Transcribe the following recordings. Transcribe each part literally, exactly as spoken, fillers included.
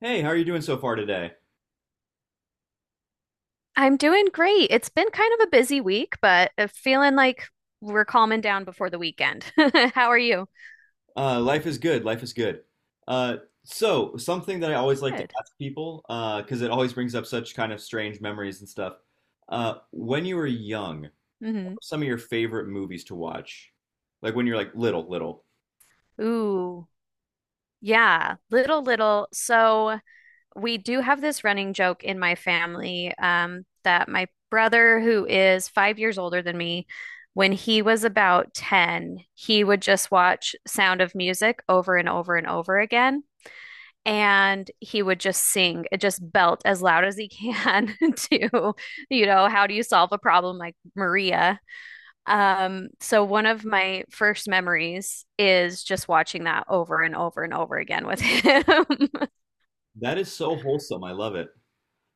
Hey, how are you doing so far today? I'm doing great. It's been kind of a busy week, but I feeling like we're calming down before the weekend. How are you? Uh, life is good. Life is good. Uh, so, Something that I always like to Good. ask people, uh, because it always brings up such kind of strange memories and stuff. Uh, when you were young, what Hmm. were some of your favorite movies to watch, like when you're like little, little. Ooh, yeah, little, little. So we do have this running joke in my family, um, that my brother, who is five years older than me, when he was about ten, he would just watch Sound of Music over and over and over again. And he would just sing it, just belt as loud as he can to you know how do you solve a problem like Maria. Um so one of my first memories is just watching that over and over and over again with him. That is so wholesome. I love it.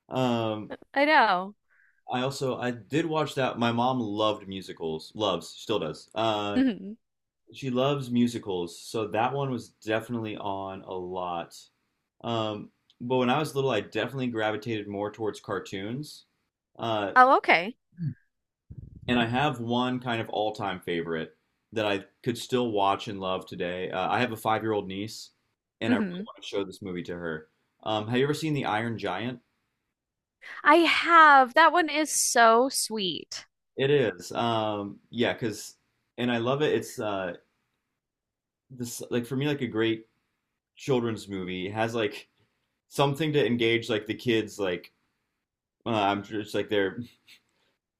Um, I know. I also I did watch that. My mom loved musicals. Loves, still does. Uh, hmm. She loves musicals, so that one was definitely on a lot. Um, but when I was little, I definitely gravitated more towards cartoons. Uh, Oh, okay. and I have one kind of all-time favorite that I could still watch and love today. Uh, I have a five-year-old niece, and I really Hmm. want to show this movie to her. Um, have you ever seen The Iron Giant? I have. That one is so sweet. It is. Um, yeah, because and I love it. It's uh this like for me like a great children's movie. It has like something to engage like the kids like uh, I'm just like their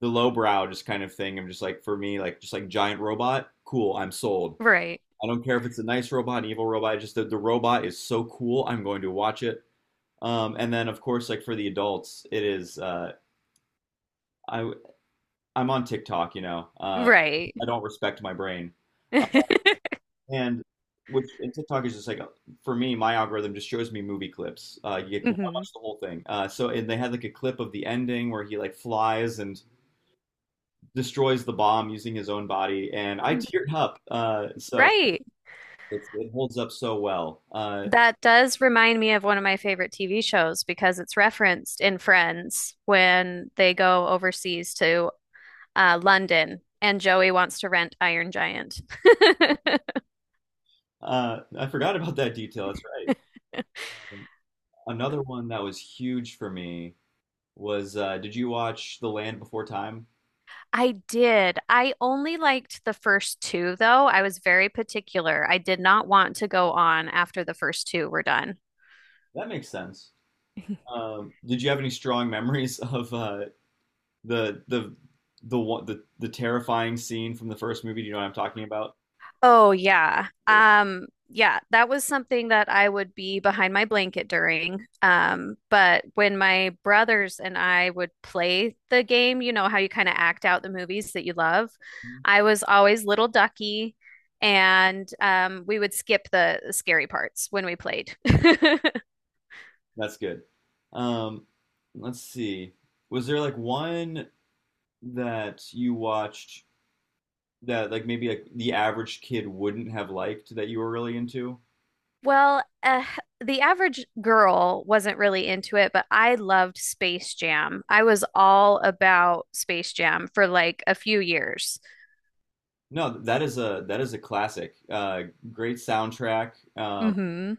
the lowbrow just kind of thing. I'm just like for me, like just like giant robot, cool. I'm sold. Right. I don't care if it's a nice robot, an evil robot. Just the, the robot is so cool. I'm going to watch it. Um, and then of course, like for the adults, it is. Uh, I I'm on TikTok. You know, uh, Right. I don't respect my brain, uh, and which and TikTok is just like for me, my algorithm just shows me movie clips. Uh, you get to Hmm. watch the whole thing. Uh, so and they had like a clip of the ending where he like flies and destroys the bomb using his own body, and I teared up. Uh, so Right. it's, it holds up so well. Uh, That does remind me of one of my favorite T V shows because it's referenced in Friends when they go overseas to uh, London and Joey wants to rent Iron Giant. uh, I forgot about that detail. That's right. Another one that was huge for me was uh, did you watch The Land Before Time? I did. I only liked the first two, though. I was very particular. I did not want to go on after the first two were done. That makes sense. Um, did you have any strong memories of uh, the the the one the, the terrifying scene from the first movie? Do you know what I'm talking about? Oh yeah. Um yeah, that was something that I would be behind my blanket during. Um, but when my brothers and I would play the game, you know how you kind of act out the movies that you love, I was always little ducky, and um we would skip the scary parts when we played. That's good. Um, let's see. Was there like one that you watched that like maybe like the average kid wouldn't have liked that you were really into? Well, uh, the average girl wasn't really into it, but I loved Space Jam. I was all about Space Jam for like a few years. No, that is a that is a classic. Uh, great soundtrack. Um, hmm.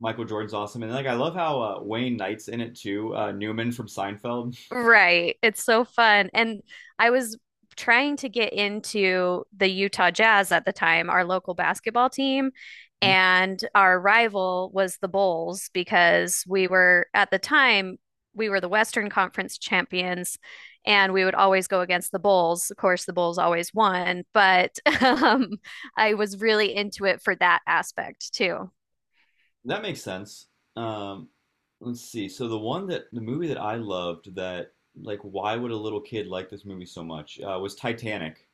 Michael Jordan's awesome, and like I love how uh, Wayne Knight's in it too. Uh, Newman from Seinfeld. Right. It's so fun. And I was trying to get into the Utah Jazz at the time, our local basketball team, and our rival was the Bulls because we were at the time we were the Western Conference champions, and we would always go against the Bulls. Of course, the Bulls always won, but um, I was really into it for that aspect too. That makes sense. Um, let's see. So the one that the movie that I loved that like why would a little kid like this movie so much uh, was Titanic.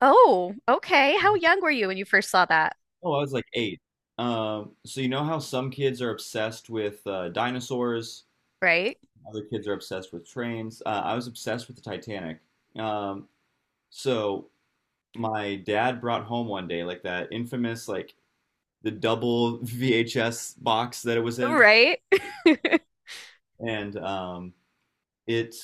Oh, okay. How young were you when you first saw that? Oh, I was like eight. Um, so you know how some kids are obsessed with uh, dinosaurs. Right? Other kids are obsessed with trains. Uh, I was obsessed with the Titanic. Um, so my dad brought home one day like that infamous like the double V H S box that it was in, Right? and um, it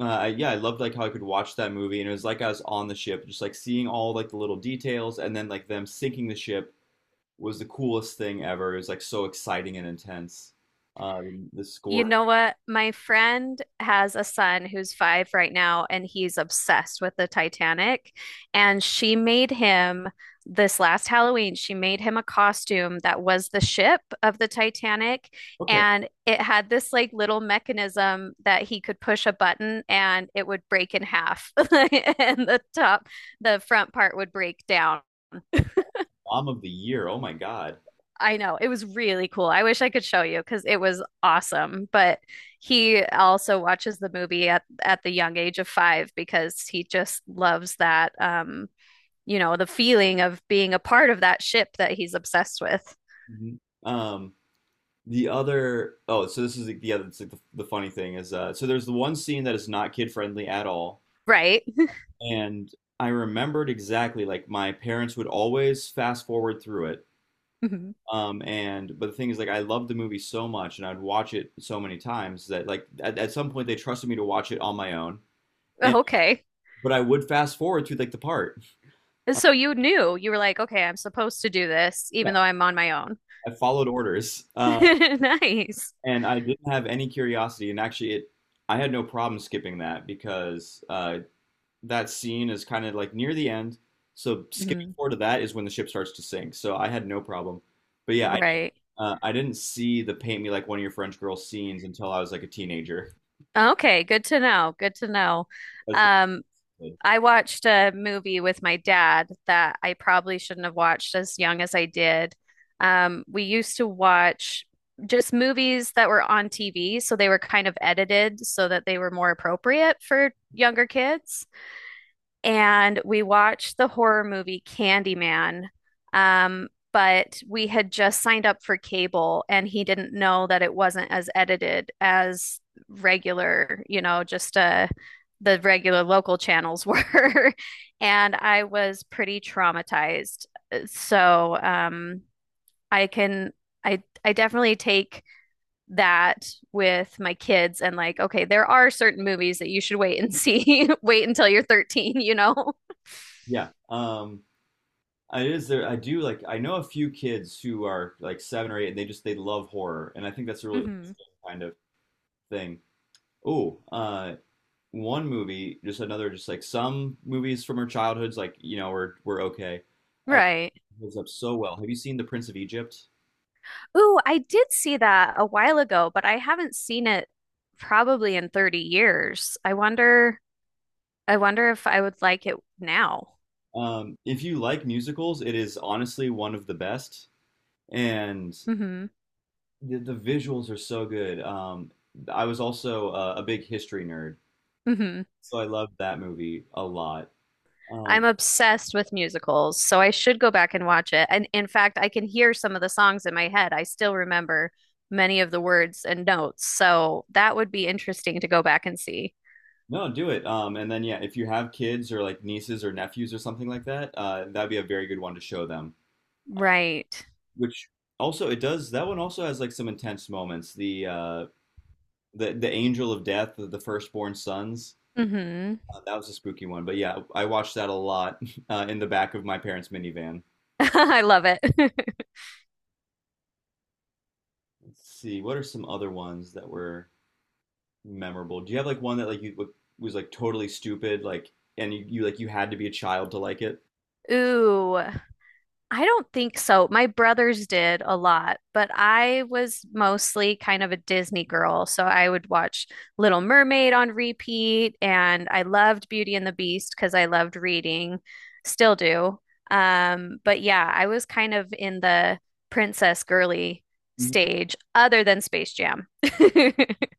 uh, yeah, I loved like how I could watch that movie, and it was like I was on the ship, just like seeing all like the little details, and then like them sinking the ship was the coolest thing ever. It was like so exciting and intense. Uh, the You score. know what? My friend has a son who's five right now, and he's obsessed with the Titanic. And she made him, this last Halloween, she made him a costume that was the ship of the Titanic. Okay, And it had this like little mechanism that he could push a button and it would break in half. And the top, the front part would break down. mom of the year. Oh my God. I know. It was really cool. I wish I could show you because it was awesome. But he also watches the movie at at the young age of five because he just loves that, um, you know, the feeling of being a part of that ship that he's obsessed with. Mhm. Um, The other, oh, so this is the, the other, it's like the, the funny thing is, uh, so there's the one scene that is not kid friendly at all. Right. And I remembered exactly, like, my parents would always fast forward through it. Mhm. Um, and, but the thing is, like, I loved the movie so much and I'd watch it so many times that, like, at, at some point they trusted me to watch it on my own. And, Okay. but I would fast forward through, like, the part. So you knew. You were like, okay, I'm supposed to do this, Yeah, even though I'm on my own. I followed orders. Uh, Nice. And I didn't have any curiosity. And actually, it, I had no problem skipping that because uh, that scene is kind of like near the end. So skipping Mhm. forward to that is when the ship starts to sink. So I had no problem. But yeah, I Right. uh, I didn't see the paint me like one of your French girls scenes until I was like a teenager. Okay, good to know. Good to know. As a Um, kid. I watched a movie with my dad that I probably shouldn't have watched as young as I did. Um, we used to watch just movies that were on T V, so they were kind of edited so that they were more appropriate for younger kids, and we watched the horror movie Candyman. Um, but we had just signed up for cable and he didn't know that it wasn't as edited as regular, you know, just uh the regular local channels were. And I was pretty traumatized. So um I can I I definitely take that with my kids and like, okay, there are certain movies that you should wait and see, wait until you're thirteen, you know? Yeah, um, it is there. I do like I know a few kids who are like seven or eight, and they just they love horror, and I think that's a really Hmm. interesting kind of thing. Oh, uh, one movie, just another, just like some movies from our childhoods, like you know, were were okay. Uh, Right. Holds up so well. Have you seen The Prince of Egypt? Ooh, I did see that a while ago, but I haven't seen it probably in thirty years. I wonder I wonder if I would like it now. Um, if you like musicals, it is honestly one of the best, and Hmm. the, the visuals are so good. Um, I was also uh, a big history nerd, Hmm. so I loved that movie a lot. Uh, I'm obsessed with musicals, so I should go back and watch it. And in fact, I can hear some of the songs in my head. I still remember many of the words and notes, so that would be interesting to go back and see. no, do it. Um, and then yeah, if you have kids or like nieces or nephews or something like that, uh, that'd be a very good one to show them. Right. Which also it does. That one also has like some intense moments. The uh, the the Angel of Death, the, the firstborn sons. Hmm. Uh, that was a spooky one, but yeah, I watched that a lot uh, in the back of my parents' minivan. I love it. Let's see, what are some other ones that were memorable? Do you have like one that like you w- was like totally stupid, like and you, you like you had to be a child to like it? Ooh. I don't think so. My brothers did a lot, but I was mostly kind of a Disney girl. So I would watch Little Mermaid on repeat, and I loved Beauty and the Beast because I loved reading, still do. Um, but yeah, I was kind of in the princess girly Mm. stage other than Space Jam.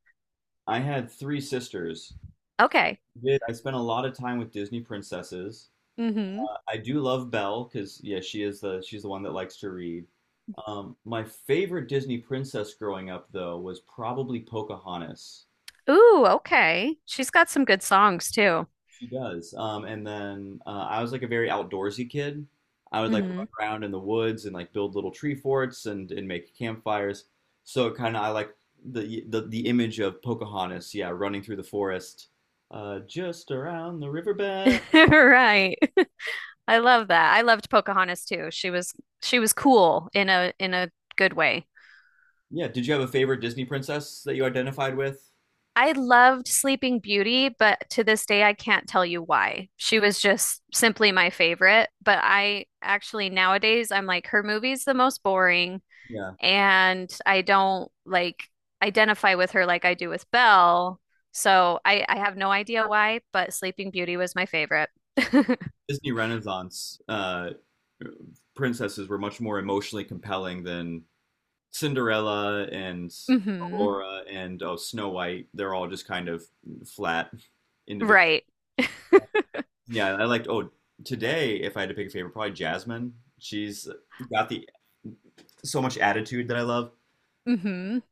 I had three sisters. Okay. Did- I spent a lot of time with Disney princesses. Hmm. I I do love Belle because yeah, she is the she's the one that likes to read. Um, my favorite Disney princess growing up though was probably Pocahontas. Ooh, okay. She's got some good songs too. He does. Um, and then uh, I was like a very outdoorsy kid. I would like run Hmm. around in the woods and like build little tree forts and and make campfires. So kind of I like the, the the image of Pocahontas, yeah, running through the forest, uh, just around the riverbed. Right. I love that. I loved Pocahontas too. She was, she was cool in a, in a good way. Yeah. Did you have a favorite Disney princess that you identified with? I loved Sleeping Beauty, but to this day I can't tell you why. She was just simply my favorite, but I actually nowadays I'm like her movie's the most boring, Yeah. and I don't like identify with her like I do with Belle. So I I have no idea why, but Sleeping Beauty was my favorite. Disney Renaissance uh, princesses were much more emotionally compelling than Cinderella and Mhm. Aurora and oh Snow White, they're all just kind of flat individuals. Right. Yeah, I liked oh today if I had to pick a favorite, probably Jasmine. She's got the so much attitude that I love. Mhm.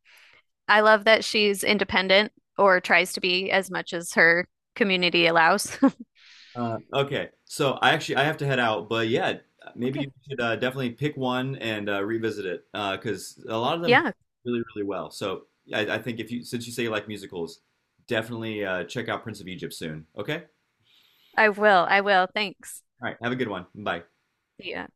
I love that she's independent, or tries to be as much as her community allows. Uh, okay, so I actually I have to head out, but yeah, Okay. maybe we should uh, definitely pick one and uh, revisit it because a lot of them hold Yeah, really really well. So I, I think if you since you say you like musicals, definitely uh, check out Prince of Egypt soon. Okay, all I will. I will. Thanks. right, have a good one. Bye. Yeah.